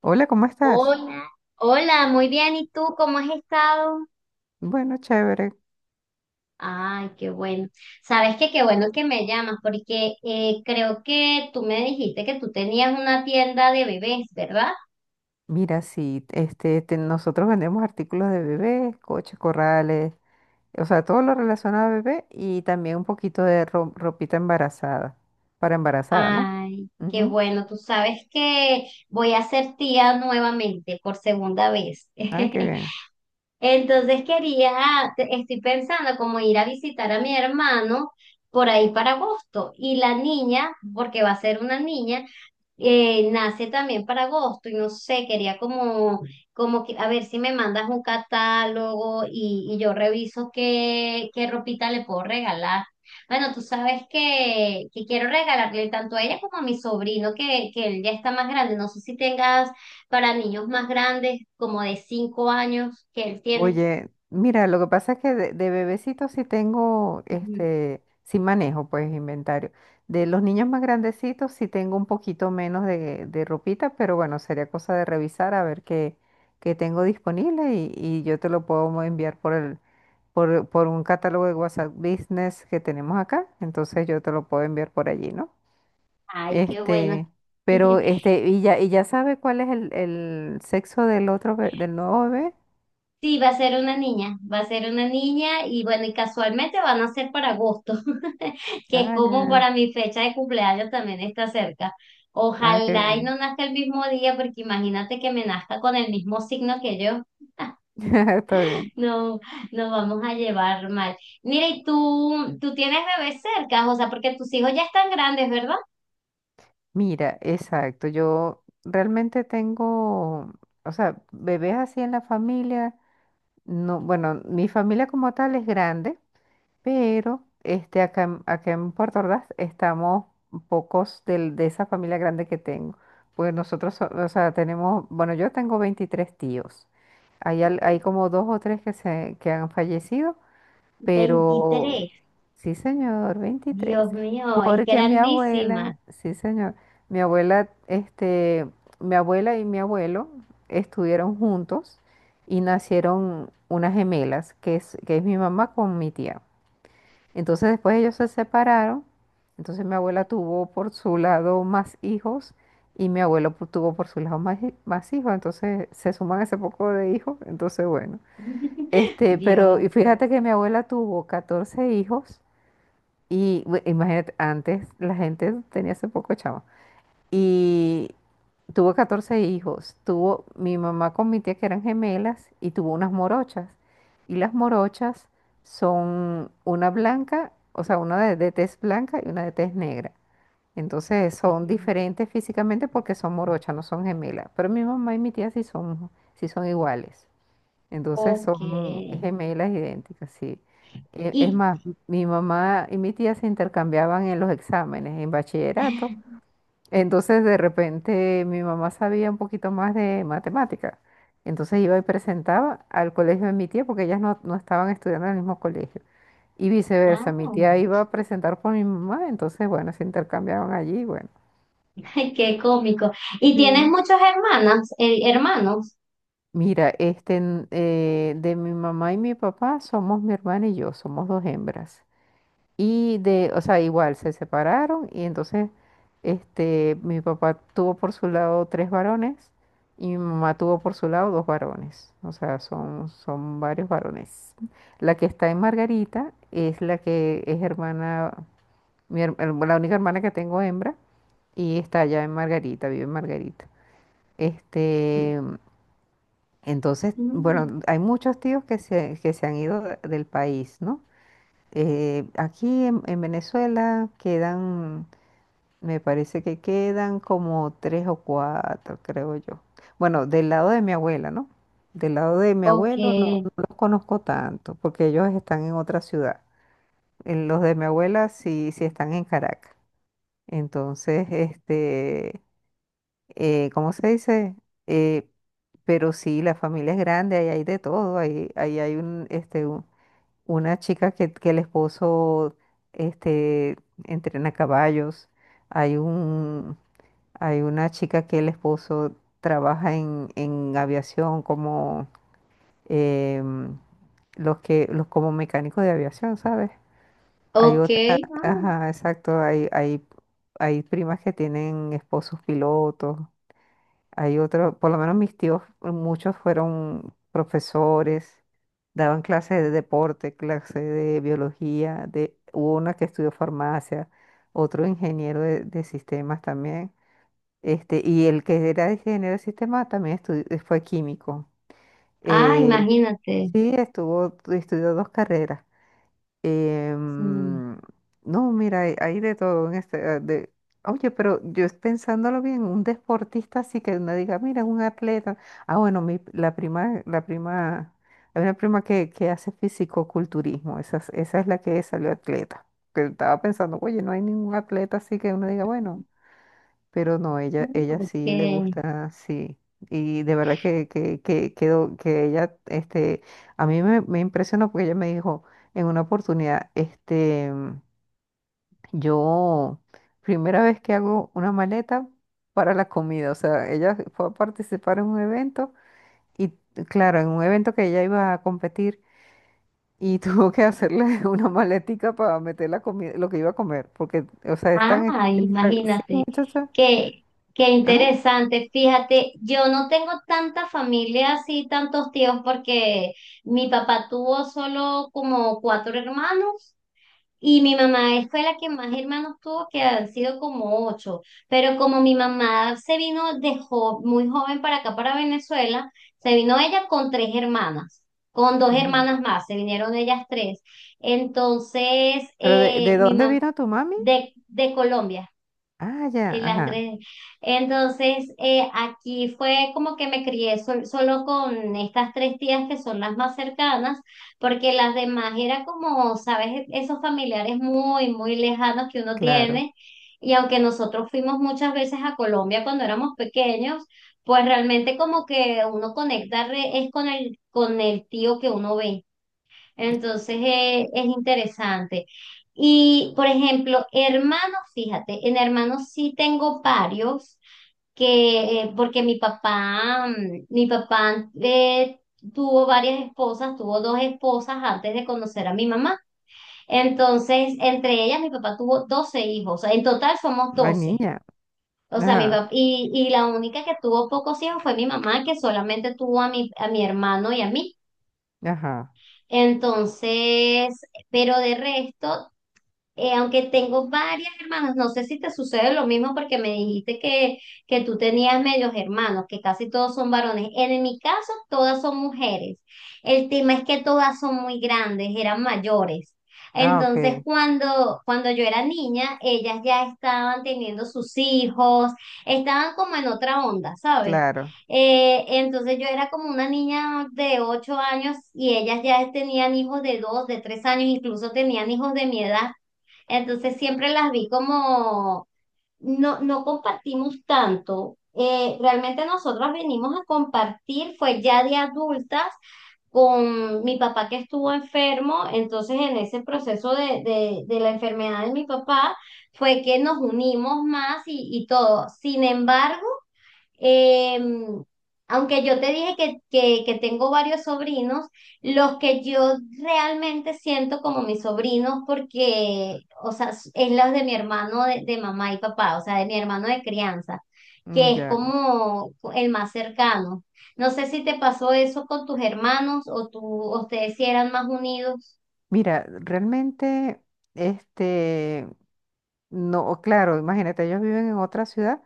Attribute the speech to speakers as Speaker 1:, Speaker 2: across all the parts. Speaker 1: Hola, ¿cómo estás?
Speaker 2: Hola, hola, muy bien. ¿Y tú cómo has estado?
Speaker 1: Bueno, chévere.
Speaker 2: Ay, qué bueno. Sabes que qué bueno que me llamas porque creo que tú me dijiste que tú tenías una tienda de bebés, ¿verdad?
Speaker 1: Mira, sí, te- nosotros vendemos artículos de bebé, coches, corrales, o sea, todo lo relacionado a bebé y también un poquito de ropita embarazada, para embarazada, ¿no?
Speaker 2: Ay, qué
Speaker 1: Ujú.
Speaker 2: bueno. Tú sabes que voy a ser tía nuevamente por segunda vez.
Speaker 1: Ay, qué bien.
Speaker 2: Entonces estoy pensando como ir a visitar a mi hermano por ahí para agosto y la niña, porque va a ser una niña. Nace también para agosto y no sé, quería como que, a ver si me mandas un catálogo y yo reviso qué ropita le puedo regalar. Bueno, tú sabes que quiero regalarle tanto a ella como a mi sobrino, que él ya está más grande. No sé si tengas para niños más grandes, como de 5 años, que él tiene.
Speaker 1: Oye, mira, lo que pasa es que de bebecito sí tengo,
Speaker 2: Ujú.
Speaker 1: este, sí manejo pues inventario. De los niños más grandecitos sí tengo un poquito menos de ropita, pero bueno, sería cosa de revisar a ver qué tengo disponible y yo te lo puedo enviar por por un catálogo de WhatsApp Business que tenemos acá. Entonces yo te lo puedo enviar por allí, ¿no?
Speaker 2: Ay, qué bueno.
Speaker 1: Este, pero este, y ya sabe cuál es el sexo del otro, del nuevo bebé.
Speaker 2: Sí, va a ser una niña, va a ser una niña y bueno, y casualmente van a ser para agosto, que es
Speaker 1: Ah,
Speaker 2: como
Speaker 1: ya.
Speaker 2: para mi fecha de cumpleaños también está cerca.
Speaker 1: Ah, qué
Speaker 2: Ojalá y
Speaker 1: bien.
Speaker 2: no nazca el mismo día, porque imagínate que me nazca con el mismo signo que yo.
Speaker 1: Está bien.
Speaker 2: No, nos vamos a llevar mal. Mira, y tú tienes bebés cerca, o sea, porque tus hijos ya están grandes, ¿verdad?
Speaker 1: Mira, exacto. Yo realmente tengo, o sea, bebés así en la familia. No, bueno, mi familia como tal es grande, pero acá, acá en Puerto Ordaz estamos pocos de esa familia grande que tengo. Pues nosotros, o sea, tenemos, bueno, yo tengo 23 tíos. Hay, hay como dos o tres que han fallecido. Pero,
Speaker 2: 23.
Speaker 1: sí, señor, 23.
Speaker 2: Dios mío, es
Speaker 1: Porque mi
Speaker 2: grandísima.
Speaker 1: abuela, sí, señor, mi abuela, mi abuela y mi abuelo estuvieron juntos y nacieron unas gemelas, que es mi mamá con mi tía. Entonces después ellos se separaron, entonces mi abuela tuvo por su lado más hijos y mi abuelo tuvo por su lado más, más hijos, entonces se suman ese poco de hijos, entonces bueno. Pero
Speaker 2: Dios.
Speaker 1: y fíjate que mi abuela tuvo 14 hijos y imagínate, antes la gente tenía ese poco chavo. Y tuvo 14 hijos. Tuvo mi mamá con mi tía que eran gemelas y tuvo unas morochas. Y las morochas son una blanca, o sea, una de tez blanca y una de tez negra. Entonces son diferentes físicamente porque son morochas, no son gemelas. Pero mi mamá y mi tía sí son iguales. Entonces
Speaker 2: Ok.
Speaker 1: son gemelas idénticas, sí. E- Es
Speaker 2: ¿Y
Speaker 1: más, mi mamá y mi tía se intercambiaban en los exámenes, en bachillerato. Entonces de repente mi mamá sabía un poquito más de matemática. Entonces iba y presentaba al colegio de mi tía porque ellas no, no estaban estudiando en el mismo colegio. Y
Speaker 2: Ah,
Speaker 1: viceversa, mi tía iba a presentar por mi mamá, entonces bueno, se intercambiaban allí, bueno.
Speaker 2: ay, qué cómico. ¿Y tienes
Speaker 1: Sí.
Speaker 2: muchas hermanas, hermanos?
Speaker 1: Mira, de mi mamá y mi papá somos mi hermana y yo, somos dos hembras. Y de, o sea, igual se separaron y entonces mi papá tuvo por su lado tres varones y mi mamá tuvo por su lado dos varones. O sea, son, son varios varones. La que está en Margarita es la que es hermana, mi la única hermana que tengo hembra y está allá en Margarita, vive en Margarita. Este, entonces,
Speaker 2: Mm,
Speaker 1: bueno, hay muchos tíos que se han ido del país, ¿no? Aquí en Venezuela quedan, me parece que quedan como tres o cuatro, creo yo. Bueno, del lado de mi abuela, ¿no? Del lado de mi
Speaker 2: ok,
Speaker 1: abuelo no, no los conozco tanto, porque ellos están en otra ciudad. En Los de mi abuela sí, sí están en Caracas. Entonces, ¿cómo se dice? Eh, pero sí, la familia es grande, ahí hay de todo, ahí, ahí hay un, una chica que el esposo este, entrena caballos, hay un, hay una chica que el esposo trabaja en aviación como em, los que, los como mecánicos de aviación, ¿sabes? Hay
Speaker 2: ok.
Speaker 1: otra, ajá, exacto, hay primas que tienen esposos pilotos, hay otros, por lo menos mis tíos, muchos fueron profesores, daban clases de deporte, clases de biología, de, hubo una que estudió farmacia, otro ingeniero de sistemas también, y el que era ingeniero de sistemas también fue químico.
Speaker 2: Ah, ah,
Speaker 1: Eh,
Speaker 2: imagínate.
Speaker 1: sí, estuvo, estudió dos carreras.
Speaker 2: Mm,
Speaker 1: Em, no, mira, hay de todo en este. Eh, de, oye, pero yo pensándolo bien, un deportista así que uno diga, mira, un atleta. Ah, bueno, mi, la prima, hay una prima que hace fisicoculturismo, esa, esa es la que salió atleta. Que estaba pensando, oye, no hay ningún atleta así que uno diga, bueno. Pero no,
Speaker 2: ah,
Speaker 1: ella sí le
Speaker 2: ok.
Speaker 1: gusta, sí. Y de verdad que ella, este, a mí me impresionó porque ella me dijo en una oportunidad, este, yo, primera vez que hago una maleta para la comida, o sea, ella fue a participar en un evento y, claro, en un evento que ella iba a competir y tuvo que hacerle una maletica para meter la comida, lo que iba a comer, porque, o sea, es tan
Speaker 2: Ah,
Speaker 1: estricta, sí,
Speaker 2: imagínate.
Speaker 1: muchacha.
Speaker 2: Qué, qué
Speaker 1: Ah,
Speaker 2: interesante. Fíjate, yo no tengo tanta familia así, tantos tíos, porque mi papá tuvo solo como cuatro hermanos. Y mi mamá fue la que más hermanos tuvo, que han sido como ocho. Pero como mi mamá se vino muy joven para acá, para Venezuela, se vino ella con tres hermanas, con dos
Speaker 1: ujú.
Speaker 2: hermanas más, se vinieron ellas tres. Entonces,
Speaker 1: ¿Pero de
Speaker 2: mi
Speaker 1: dónde
Speaker 2: mamá,
Speaker 1: vino tu mami?
Speaker 2: de Colombia.
Speaker 1: Ah, ya,
Speaker 2: Y las
Speaker 1: ajá,
Speaker 2: tres. Entonces, aquí fue como que me crié solo con estas tres tías que son las más cercanas, porque las demás era como, sabes, esos familiares muy, muy lejanos que uno
Speaker 1: claro.
Speaker 2: tiene. Y aunque nosotros fuimos muchas veces a Colombia cuando éramos pequeños, pues realmente como que uno conecta es con el, tío que uno ve. Entonces es interesante. Y, por ejemplo, hermanos, fíjate, en hermanos sí tengo varios, que, porque mi papá tuvo varias esposas, tuvo dos esposas antes de conocer a mi mamá. Entonces, entre ellas, mi papá tuvo 12 hijos, en total somos
Speaker 1: Ay,
Speaker 2: 12.
Speaker 1: niña,
Speaker 2: O sea, mi
Speaker 1: ajá,
Speaker 2: papá, y la única que tuvo pocos hijos fue mi mamá, que solamente tuvo a mi hermano y a mí.
Speaker 1: ajá.
Speaker 2: Entonces, pero de resto, aunque tengo varias hermanas, no sé si te sucede lo mismo porque me dijiste que tú tenías medios hermanos, que casi todos son varones. En mi caso, todas son mujeres. El tema es que todas son muy grandes, eran mayores.
Speaker 1: Ah, ok,
Speaker 2: Entonces, cuando yo era niña, ellas ya estaban teniendo sus hijos, estaban como en otra onda, ¿sabes?
Speaker 1: claro,
Speaker 2: Entonces yo era como una niña de 8 años y ellas ya tenían hijos de dos, de 3 años, incluso tenían hijos de mi edad. Entonces siempre las vi como, no, no compartimos tanto. Realmente nosotros venimos a compartir, fue ya de adultas, con mi papá que estuvo enfermo, entonces en ese proceso de la enfermedad de mi papá fue que nos unimos más y todo. Sin embargo, Em, aunque yo te dije que tengo varios sobrinos, los que yo realmente siento como mis sobrinos, porque, o sea, es los de mi hermano de mamá y papá, o sea, de mi hermano de crianza,
Speaker 1: mm,
Speaker 2: que es
Speaker 1: ya.
Speaker 2: como el más cercano. No sé si te pasó eso con tus hermanos o tú, o ustedes si eran más unidos.
Speaker 1: Mira, realmente, este, no, claro, imagínate, ellos viven en otra ciudad.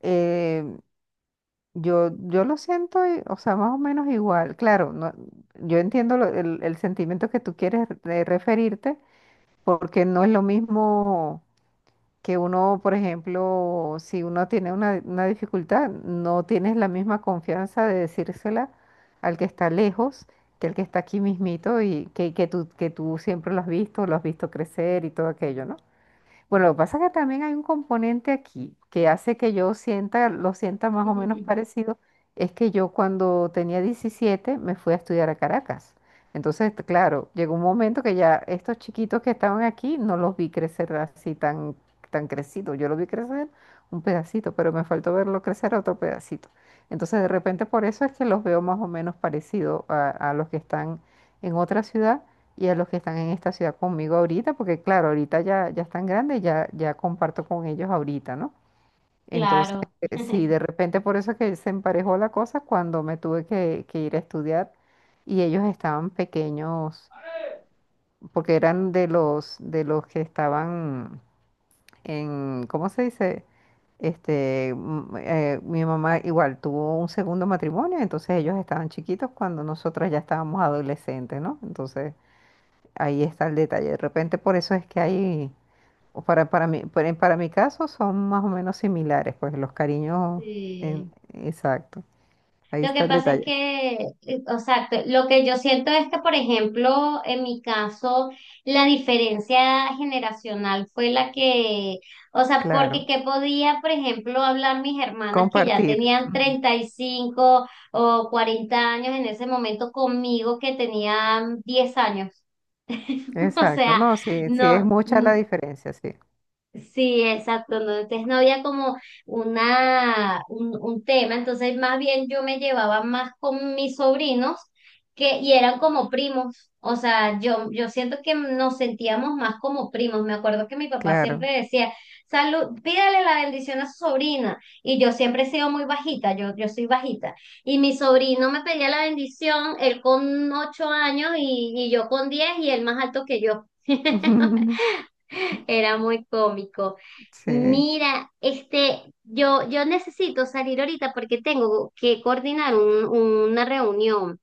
Speaker 1: Eh, yo lo siento, o sea, más o menos igual. Claro, no, yo entiendo el sentimiento que tú quieres de referirte, porque no es lo mismo, que uno, por ejemplo, si uno tiene una dificultad, no tienes la misma confianza de decírsela al que está lejos que al que está aquí mismito y que tú siempre lo has visto crecer y todo aquello, ¿no? Bueno, lo que pasa es que también hay un componente aquí que hace que yo sienta, lo sienta más o menos parecido, es que yo cuando tenía 17 me fui a estudiar a Caracas. Entonces, claro, llegó un momento que ya estos chiquitos que estaban aquí no los vi crecer así tan, tan crecidos. Yo los vi crecer un pedacito, pero me faltó verlo crecer otro pedacito. Entonces, de repente, por eso es que los veo más o menos parecidos a los que están en otra ciudad y a los que están en esta ciudad conmigo ahorita, porque claro, ahorita ya están grandes, ya comparto con ellos ahorita, ¿no? Entonces,
Speaker 2: Claro.
Speaker 1: sí, de repente por eso es que se emparejó la cosa cuando me tuve que ir a estudiar y ellos estaban pequeños, porque eran de los que estaban en, ¿cómo se dice? Mi mamá igual tuvo un segundo matrimonio, entonces ellos estaban chiquitos cuando nosotras ya estábamos adolescentes, ¿no? Entonces, ahí está el detalle. De repente por eso es que hay, o para mí, para mi caso son más o menos similares, pues los cariños, en,
Speaker 2: Sí.
Speaker 1: exacto. Ahí
Speaker 2: Lo que
Speaker 1: está el
Speaker 2: pasa es
Speaker 1: detalle.
Speaker 2: que, o sea, lo que yo siento es que, por ejemplo, en mi caso, la diferencia generacional fue la que, o sea, porque
Speaker 1: Claro.
Speaker 2: qué podía, por ejemplo, hablar mis hermanas que ya
Speaker 1: Compartir.
Speaker 2: tenían
Speaker 1: Ujú.
Speaker 2: 35 o 40 años en ese momento conmigo que tenían 10 años. O
Speaker 1: Exacto.
Speaker 2: sea,
Speaker 1: No, sí, sí es
Speaker 2: no,
Speaker 1: mucha la diferencia, sí.
Speaker 2: sí, exacto. No, entonces no había como un tema. Entonces, más bien yo me llevaba más con mis sobrinos que, y eran como primos. O sea, yo siento que nos sentíamos más como primos. Me acuerdo que mi papá
Speaker 1: Claro.
Speaker 2: siempre decía, salud, pídale la bendición a su sobrina. Y yo siempre he sido muy bajita, yo soy bajita. Y mi sobrino me pedía la bendición, él con 8 años y yo con 10 y él más alto que yo. Era muy cómico.
Speaker 1: Sí,
Speaker 2: Mira, yo necesito salir ahorita porque tengo que coordinar una reunión,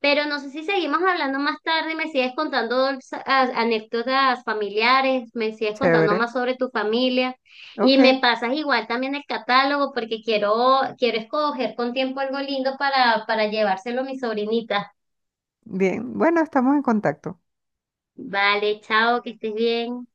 Speaker 2: pero no sé si seguimos hablando más tarde, me sigues contando anécdotas familiares, me sigues contando
Speaker 1: chévere.
Speaker 2: más sobre tu familia y
Speaker 1: Ok,
Speaker 2: me pasas igual también el catálogo porque quiero escoger con tiempo algo lindo para llevárselo a mi sobrinita.
Speaker 1: bien. Bueno, estamos en contacto.
Speaker 2: Vale, chao, que estés bien.